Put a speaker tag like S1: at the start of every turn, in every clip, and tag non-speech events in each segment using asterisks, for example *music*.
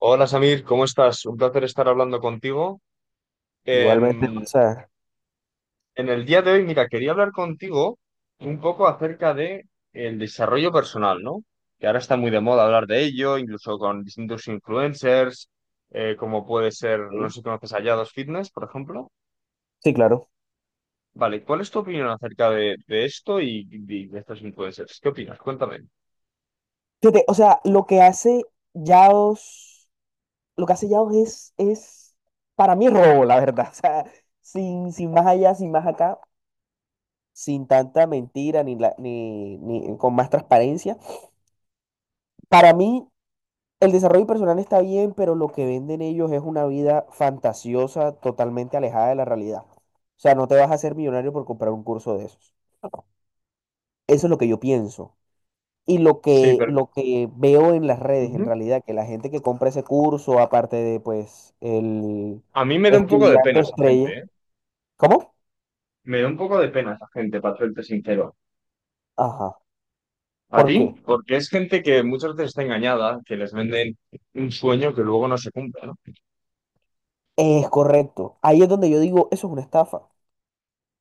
S1: Hola Samir, ¿cómo estás? Un placer estar hablando contigo.
S2: Igualmente, o
S1: Em,
S2: sea,
S1: en el día de hoy, mira, quería hablar contigo un poco acerca de el desarrollo personal, ¿no? Que ahora está muy de moda hablar de ello, incluso con distintos influencers, como puede ser, no sé
S2: sí,
S1: si conoces a Yados Fitness, por ejemplo.
S2: sí, claro.
S1: Vale, ¿cuál es tu opinión acerca de esto y de estos influencers? ¿Qué opinas? Cuéntame.
S2: Fíjate, o sea, Yaos, lo que hace Yaos es, para mí, robo, la verdad. *laughs* O sea, sin más allá, sin más acá, sin tanta mentira, ni, la, ni, ni con más transparencia. Para mí, el desarrollo personal está bien, pero lo que venden ellos es una vida fantasiosa, totalmente alejada de la realidad. O sea, no te vas a hacer millonario por comprar un curso de esos. Eso es lo que yo pienso. Y
S1: Sí, pero...
S2: lo que veo en las redes, en
S1: Ujú.
S2: realidad, que la gente que compra ese curso, aparte de, pues, el
S1: A mí me da un poco de
S2: estudiante
S1: pena esa
S2: estrella.
S1: gente, ¿eh?
S2: ¿Cómo?
S1: Me da un poco de pena esa gente, para serte sincero.
S2: Ajá.
S1: ¿A
S2: ¿Por
S1: ti?
S2: qué?
S1: Porque es gente que muchas veces está engañada, que les venden un sueño que luego no se cumple, ¿no?
S2: Es correcto. Ahí es donde yo digo, eso es una estafa.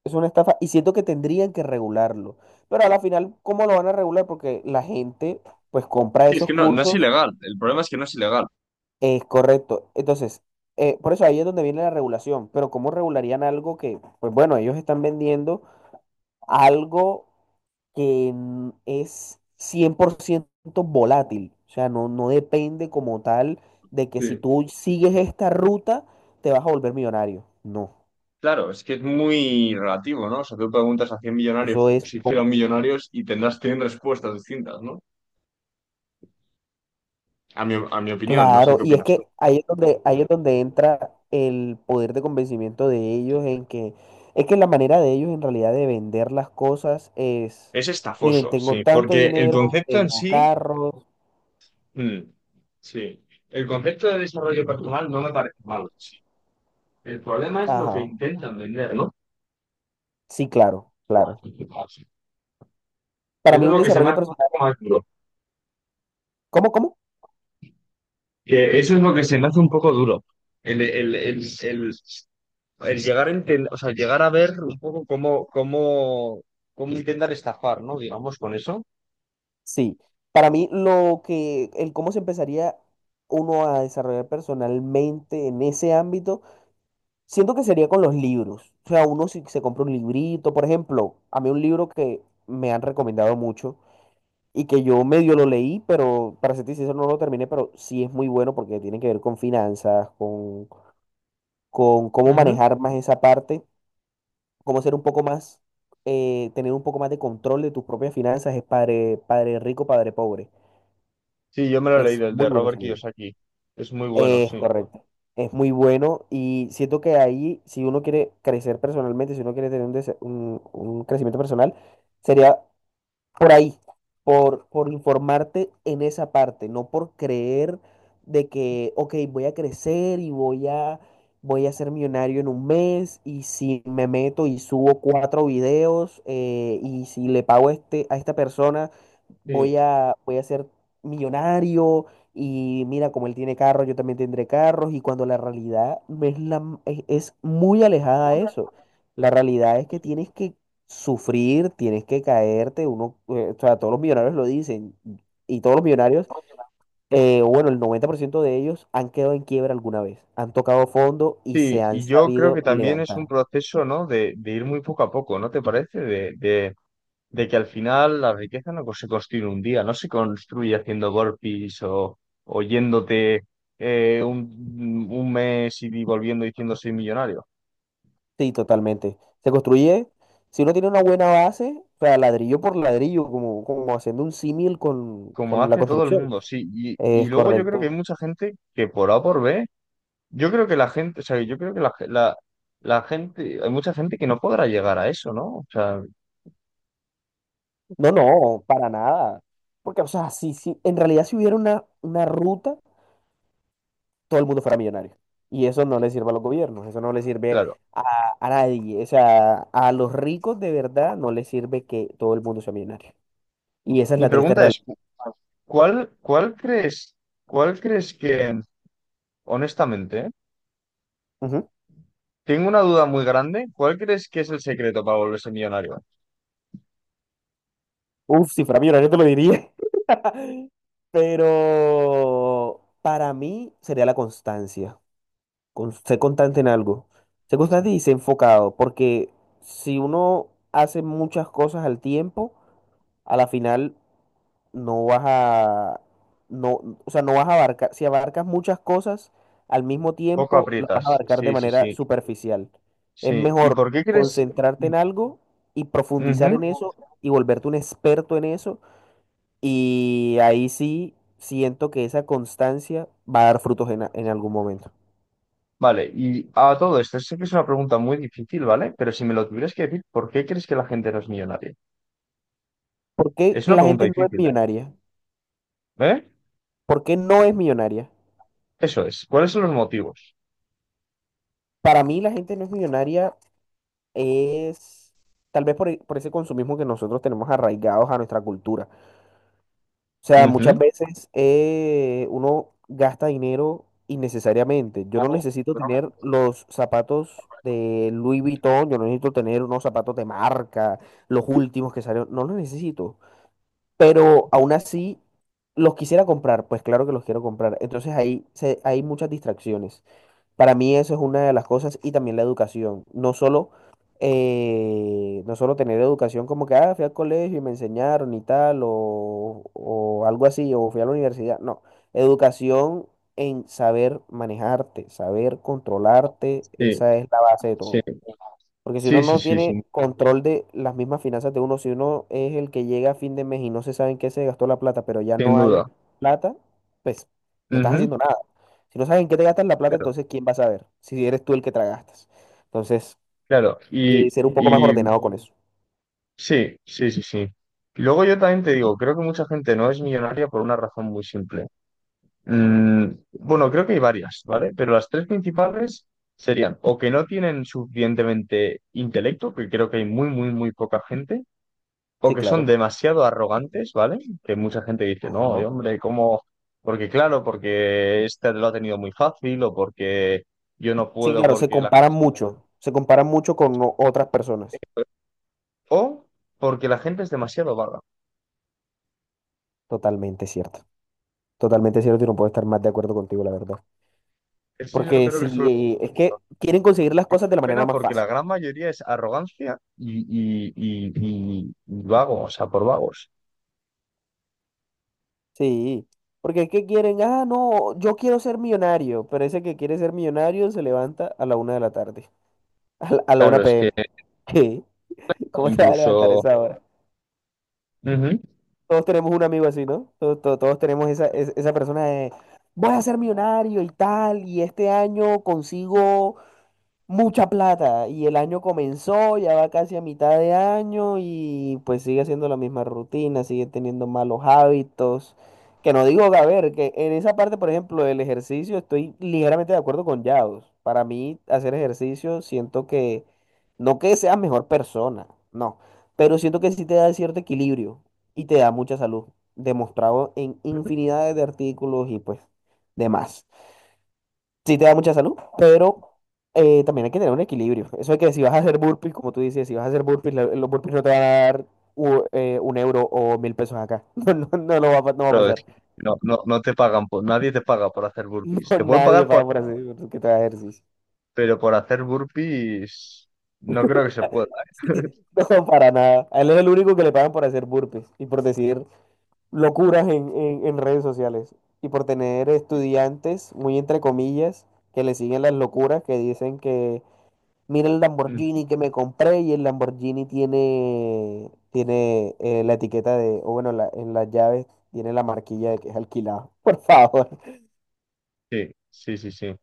S2: Es una estafa y siento que tendrían que regularlo. Pero, a la final, ¿cómo lo van a regular? Porque la gente, pues, compra
S1: Sí, es
S2: esos
S1: que no, no es
S2: cursos.
S1: ilegal. El problema es que no es ilegal.
S2: Es correcto. Entonces, por eso ahí es donde viene la regulación. Pero ¿cómo regularían algo que, pues, bueno, ellos están vendiendo algo que es 100% volátil? O sea, no, no depende como tal de que si
S1: Sí.
S2: tú sigues esta ruta te vas a volver millonario. No,
S1: Claro, es que es muy relativo, ¿no? O sea, tú preguntas a 100 millonarios
S2: eso es.
S1: si fueran millonarios y tendrás 100 respuestas distintas, ¿no? A mi opinión, no sé
S2: Claro,
S1: qué
S2: y es
S1: opinas tú.
S2: que ahí es donde entra el poder de convencimiento de ellos, en que es que la manera de ellos en realidad de vender las cosas es:
S1: Es
S2: miren,
S1: estafoso,
S2: tengo
S1: sí,
S2: tanto
S1: porque el
S2: dinero,
S1: concepto en
S2: tengo
S1: sí,
S2: carros.
S1: mm, sí, el concepto de desarrollo personal no me parece malo, sí. El problema es lo que
S2: Ajá,
S1: intentan vender, ¿no?
S2: sí, claro, claro. Para
S1: Eso es
S2: mí un
S1: lo que se me
S2: desarrollo
S1: hace un
S2: personal,
S1: poco más duro.
S2: ¿cómo, cómo?
S1: Que eso es lo que se me hace un poco duro. El, el, el, el, el llegar a o sea, llegar a ver un poco cómo intentar estafar, ¿no? Digamos, con eso.
S2: Sí, para mí el cómo se empezaría uno a desarrollar personalmente en ese ámbito, siento que sería con los libros. O sea, uno si se compra un librito, por ejemplo, a mí un libro que me han recomendado mucho y que yo medio lo leí, pero, para ser sincero, no lo terminé, pero sí es muy bueno porque tiene que ver con finanzas, con cómo
S1: Ujú.
S2: manejar más esa parte, cómo ser un poco más, tener un poco más de control de tus propias finanzas, es Padre, Padre Rico, Padre Pobre.
S1: Sí, yo me lo he
S2: Es
S1: leído, el
S2: muy
S1: de
S2: bueno
S1: Robert
S2: ese libro.
S1: Kiyosaki. Es muy bueno,
S2: Es
S1: sí.
S2: correcto. Es muy bueno y siento que ahí, si uno quiere crecer personalmente, si uno quiere tener un crecimiento personal, sería por ahí, por informarte en esa parte, no por creer de que, ok, voy a crecer y voy a, voy a ser millonario en un mes y si me meto y subo cuatro videos y si le pago a este, a esta persona,
S1: Sí.
S2: voy a ser millonario y mira, como él tiene carros, yo también tendré carros. Y cuando la realidad no es, es muy alejada a
S1: Una-
S2: eso. La realidad es que tienes que sufrir, tienes que caerte, uno, o sea, todos los millonarios lo dicen, y todos los millonarios, bueno, el 90% de ellos han quedado en quiebra alguna vez, han tocado fondo y
S1: Sí,
S2: se han
S1: y yo creo que
S2: sabido
S1: también es un
S2: levantar.
S1: proceso, ¿no? De ir muy poco a poco, ¿no te parece? De que al final la riqueza no se construye en un día, no se construye haciendo burpees o yéndote un mes y volviendo diciendo soy millonario,
S2: Sí, totalmente. Se construye, si uno tiene una buena base, o sea, ladrillo por ladrillo, como, como haciendo un símil con,
S1: como
S2: con la
S1: hace todo el
S2: construcción,
S1: mundo, sí. Y
S2: es
S1: luego yo creo que hay
S2: correcto.
S1: mucha gente que por A o por B, yo creo que la gente, o sea, yo creo que la gente, hay mucha gente que no podrá llegar a eso, ¿no? O sea,
S2: No, no, para nada. Porque, o sea, si en realidad, si hubiera una ruta, todo el mundo fuera millonario. Y eso no le sirve a los gobiernos, eso no le sirve
S1: claro.
S2: a nadie. O sea, a los ricos de verdad no les sirve que todo el mundo sea millonario. Y esa es
S1: Mi
S2: la triste
S1: pregunta
S2: realidad.
S1: es: ¿cuál, cuál crees, cuál crees que, honestamente...
S2: Ujú.
S1: Tengo una duda muy grande. ¿Cuál crees que es el secreto para volverse millonario?
S2: Uf, si fuera millonario te lo diría. *laughs* Pero para mí sería la constancia. Con, ser constante en algo. Ser constante y ser enfocado. Porque si uno hace muchas cosas al tiempo, a la final no vas a, no, o sea, no vas a abarcar, si abarcas muchas cosas al mismo
S1: Poco
S2: tiempo, las vas a
S1: aprietas.
S2: abarcar de
S1: Sí, sí,
S2: manera
S1: sí.
S2: superficial. Es
S1: Sí. ¿Y
S2: mejor
S1: por qué crees?
S2: concentrarte en algo y profundizar
S1: Ujú.
S2: en eso y volverte un experto en eso. Y ahí sí siento que esa constancia va a dar frutos en, en algún momento.
S1: Vale, y a todo esto, sé que es una pregunta muy difícil, ¿vale? Pero si me lo tuvieras que decir, ¿por qué crees que la gente no es millonaria?
S2: ¿Por qué
S1: Es una
S2: la
S1: pregunta
S2: gente no es
S1: difícil, ¿eh?
S2: millonaria?
S1: ¿Eh?
S2: ¿Por qué no es millonaria?
S1: Eso es. ¿Cuáles son los motivos?
S2: Para mí la gente no es millonaria es tal vez por, por ese consumismo que nosotros tenemos arraigados a nuestra cultura. O sea, muchas
S1: Ujú.
S2: veces uno gasta dinero innecesariamente. Yo no necesito tener los zapatos de Louis Vuitton, yo no necesito tener unos zapatos de marca, los últimos que salieron, no los necesito. Pero aún así, los quisiera comprar, pues claro que los quiero comprar. Entonces, ahí hay muchas distracciones. Para mí eso es una de las cosas, y también la educación. No solo, no solo tener educación como que, ah, fui al colegio y me enseñaron y tal, o algo así, o fui a la universidad. No, educación en saber manejarte, saber controlarte,
S1: Sí,
S2: esa es la base de
S1: sí.
S2: todo. Porque si uno
S1: Sí, sí,
S2: no
S1: sí,
S2: tiene
S1: sí,
S2: control de las mismas finanzas de uno, si uno es el que llega a fin de mes y no se sabe en qué se gastó la plata, pero ya
S1: sin
S2: no hay
S1: duda.
S2: plata, pues no estás
S1: Ujú.
S2: haciendo nada. Si no sabes en qué te gastas la plata,
S1: Claro,
S2: entonces ¿quién va a saber? Si eres tú el que te la gastas. Entonces,
S1: claro. Y,
S2: ser un poco más
S1: y
S2: ordenado con eso.
S1: Sí, sí, sí, sí. Y luego yo también te digo, creo que mucha gente no es millonaria por una razón muy simple. Mm, bueno, creo que hay varias, ¿vale? Pero las tres principales serían o que no tienen suficientemente intelecto, que creo que hay muy, muy, muy poca gente, o
S2: Sí,
S1: que son
S2: claro.
S1: demasiado arrogantes, ¿vale? Que mucha gente dice, no, y
S2: Ajá.
S1: hombre, ¿cómo? Porque claro, porque este lo ha tenido muy fácil, o porque yo no
S2: Sí,
S1: puedo,
S2: claro, se
S1: porque la
S2: comparan
S1: gente...
S2: mucho. Se comparan mucho con otras personas.
S1: O porque la gente es demasiado vaga.
S2: Totalmente cierto. Totalmente cierto y no puedo estar más de acuerdo contigo, la verdad.
S1: Eso yo
S2: Porque
S1: creo que son.
S2: si es que quieren conseguir las
S1: Es
S2: cosas de la
S1: una
S2: manera
S1: pena
S2: más
S1: porque
S2: fácil.
S1: la gran mayoría es arrogancia y vago, o sea, por vagos.
S2: Sí, porque ¿qué quieren? Ah, no, yo quiero ser millonario, pero ese que quiere ser millonario se levanta a la una de la tarde, *laughs* a la
S1: Claro, es
S2: 1
S1: que
S2: p.m. ¿Qué? ¿Cómo te vas a levantar a
S1: incluso...
S2: esa hora?
S1: Ujú.
S2: Todos tenemos un amigo así, ¿no? Todos, todos, todos tenemos esa, esa persona de, voy a ser millonario y tal, y este año consigo mucha plata, y el año comenzó, ya va casi a mitad de año y pues sigue haciendo la misma rutina, sigue teniendo malos hábitos. Que no digo, a ver, que en esa parte, por ejemplo, del ejercicio estoy ligeramente de acuerdo con Yaos. Para mí, hacer ejercicio siento que, no que seas mejor persona, no, pero siento que sí te da cierto equilibrio y te da mucha salud, demostrado en infinidades de artículos, y pues demás, sí te da mucha salud, pero también hay que tener un equilibrio. Eso de que si vas a hacer burpees, como tú dices, si vas a hacer burpees, los burpees no te van a dar un euro o mil pesos acá. *laughs* No, no no lo va, a pa- no va a
S1: Pero es
S2: pasar.
S1: que
S2: *laughs*
S1: no, no, no te pagan, por, nadie te paga por hacer
S2: No,
S1: burpees. Te pueden
S2: nadie
S1: pagar por...
S2: paga por hacer por que te haga ejercicio.
S1: Pero por hacer burpees no creo que se pueda.
S2: *laughs* No, para nada. A él es el único que le pagan por hacer burpees y por decir locuras en, en redes sociales, y por tener estudiantes, muy entre comillas, que le siguen las locuras que dicen que: mira el
S1: Mm,
S2: Lamborghini que me compré. Y el Lamborghini tiene, tiene la etiqueta de, o bueno, en las llaves tiene la marquilla de que es alquilado. *laughs* Por favor.
S1: sí, sí, sí, sí.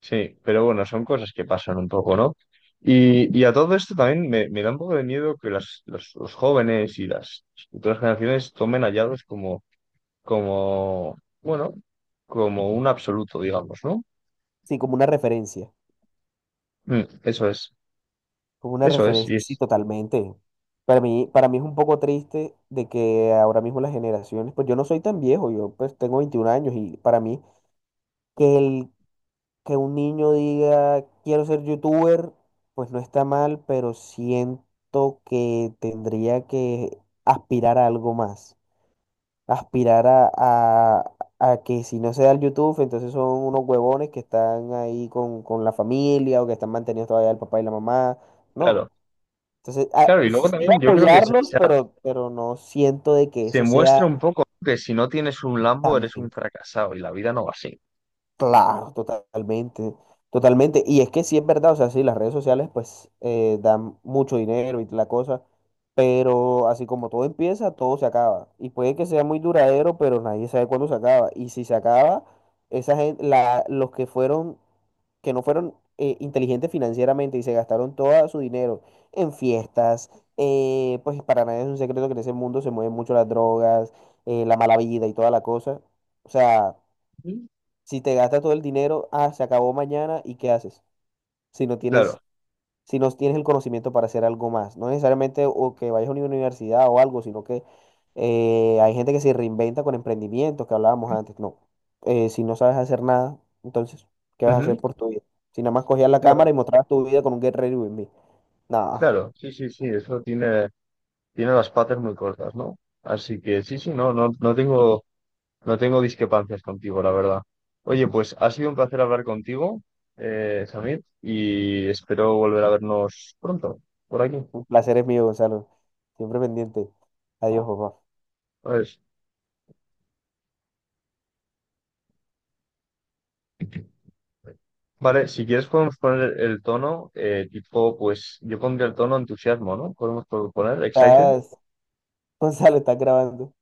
S1: Sí, pero bueno, son cosas que pasan un poco, ¿no? Y a todo esto también me da un poco de miedo que los jóvenes y las futuras generaciones tomen hallazgos como... como, bueno, como un absoluto, digamos, ¿no?
S2: Sí, como una referencia.
S1: Mm,
S2: Como una
S1: eso es,
S2: referencia.
S1: y
S2: Sí,
S1: es,
S2: totalmente. Para mí es un poco triste de que ahora mismo las generaciones, pues yo no soy tan viejo, yo pues tengo 21 años, y para mí que el que un niño diga quiero ser youtuber, pues no está mal, pero siento que tendría que aspirar a algo más. Aspirar a, a que si no se da el YouTube, entonces son unos huevones que están ahí con la familia o que están mantenidos todavía el papá y la mamá. No.
S1: claro.
S2: Entonces,
S1: Claro, y
S2: sí,
S1: luego
S2: sí
S1: también yo creo que se,
S2: apoyarlos,
S1: se ha-
S2: pero no siento de que
S1: se
S2: eso sea
S1: muestra un poco que si no tienes un Lambo eres un
S2: también.
S1: fracasado y la vida no va así.
S2: Claro, totalmente, totalmente. Y es que sí es verdad, o sea, sí, las redes sociales pues dan mucho dinero y la cosa, pero así como todo empieza, todo se acaba. Y puede que sea muy duradero, pero nadie sabe cuándo se acaba. Y si se acaba, esa gente, la, los que fueron, que no fueron inteligentes financieramente y se gastaron todo su dinero en fiestas, pues para nadie es un secreto que en ese mundo se mueven mucho las drogas, la mala vida y toda la cosa. O sea...
S1: Ujú.
S2: Si te gastas todo el dinero, ah, se acabó mañana, ¿y qué haces? Si no tienes,
S1: Claro,
S2: si no tienes el conocimiento para hacer algo más, no necesariamente o que vayas a una universidad o algo, sino que hay gente que se reinventa con emprendimientos que hablábamos antes. No. Si no sabes hacer nada, entonces, ¿qué vas a hacer
S1: ujú,
S2: por tu vida? Si nada más cogías la cámara
S1: claro,
S2: y mostrabas tu vida con un Get Ready With Me. No,
S1: claro, sí, sí, sí, eso tiene, tiene las patas muy cortas, ¿no? Así que sí, sí, no, no, no tengo... No tengo discrepancias contigo, la verdad. Oye, pues ha sido un placer hablar contigo, Samir, y espero volver a vernos pronto, por aquí.
S2: un placer es mío, Gonzalo. Siempre pendiente. Adiós, papá.
S1: Pues, vale, si quieres podemos poner el tono, tipo, pues yo pondría el tono entusiasmo, ¿no? Podemos poner excited.
S2: Estás... *laughs* Gonzalo, estás grabando.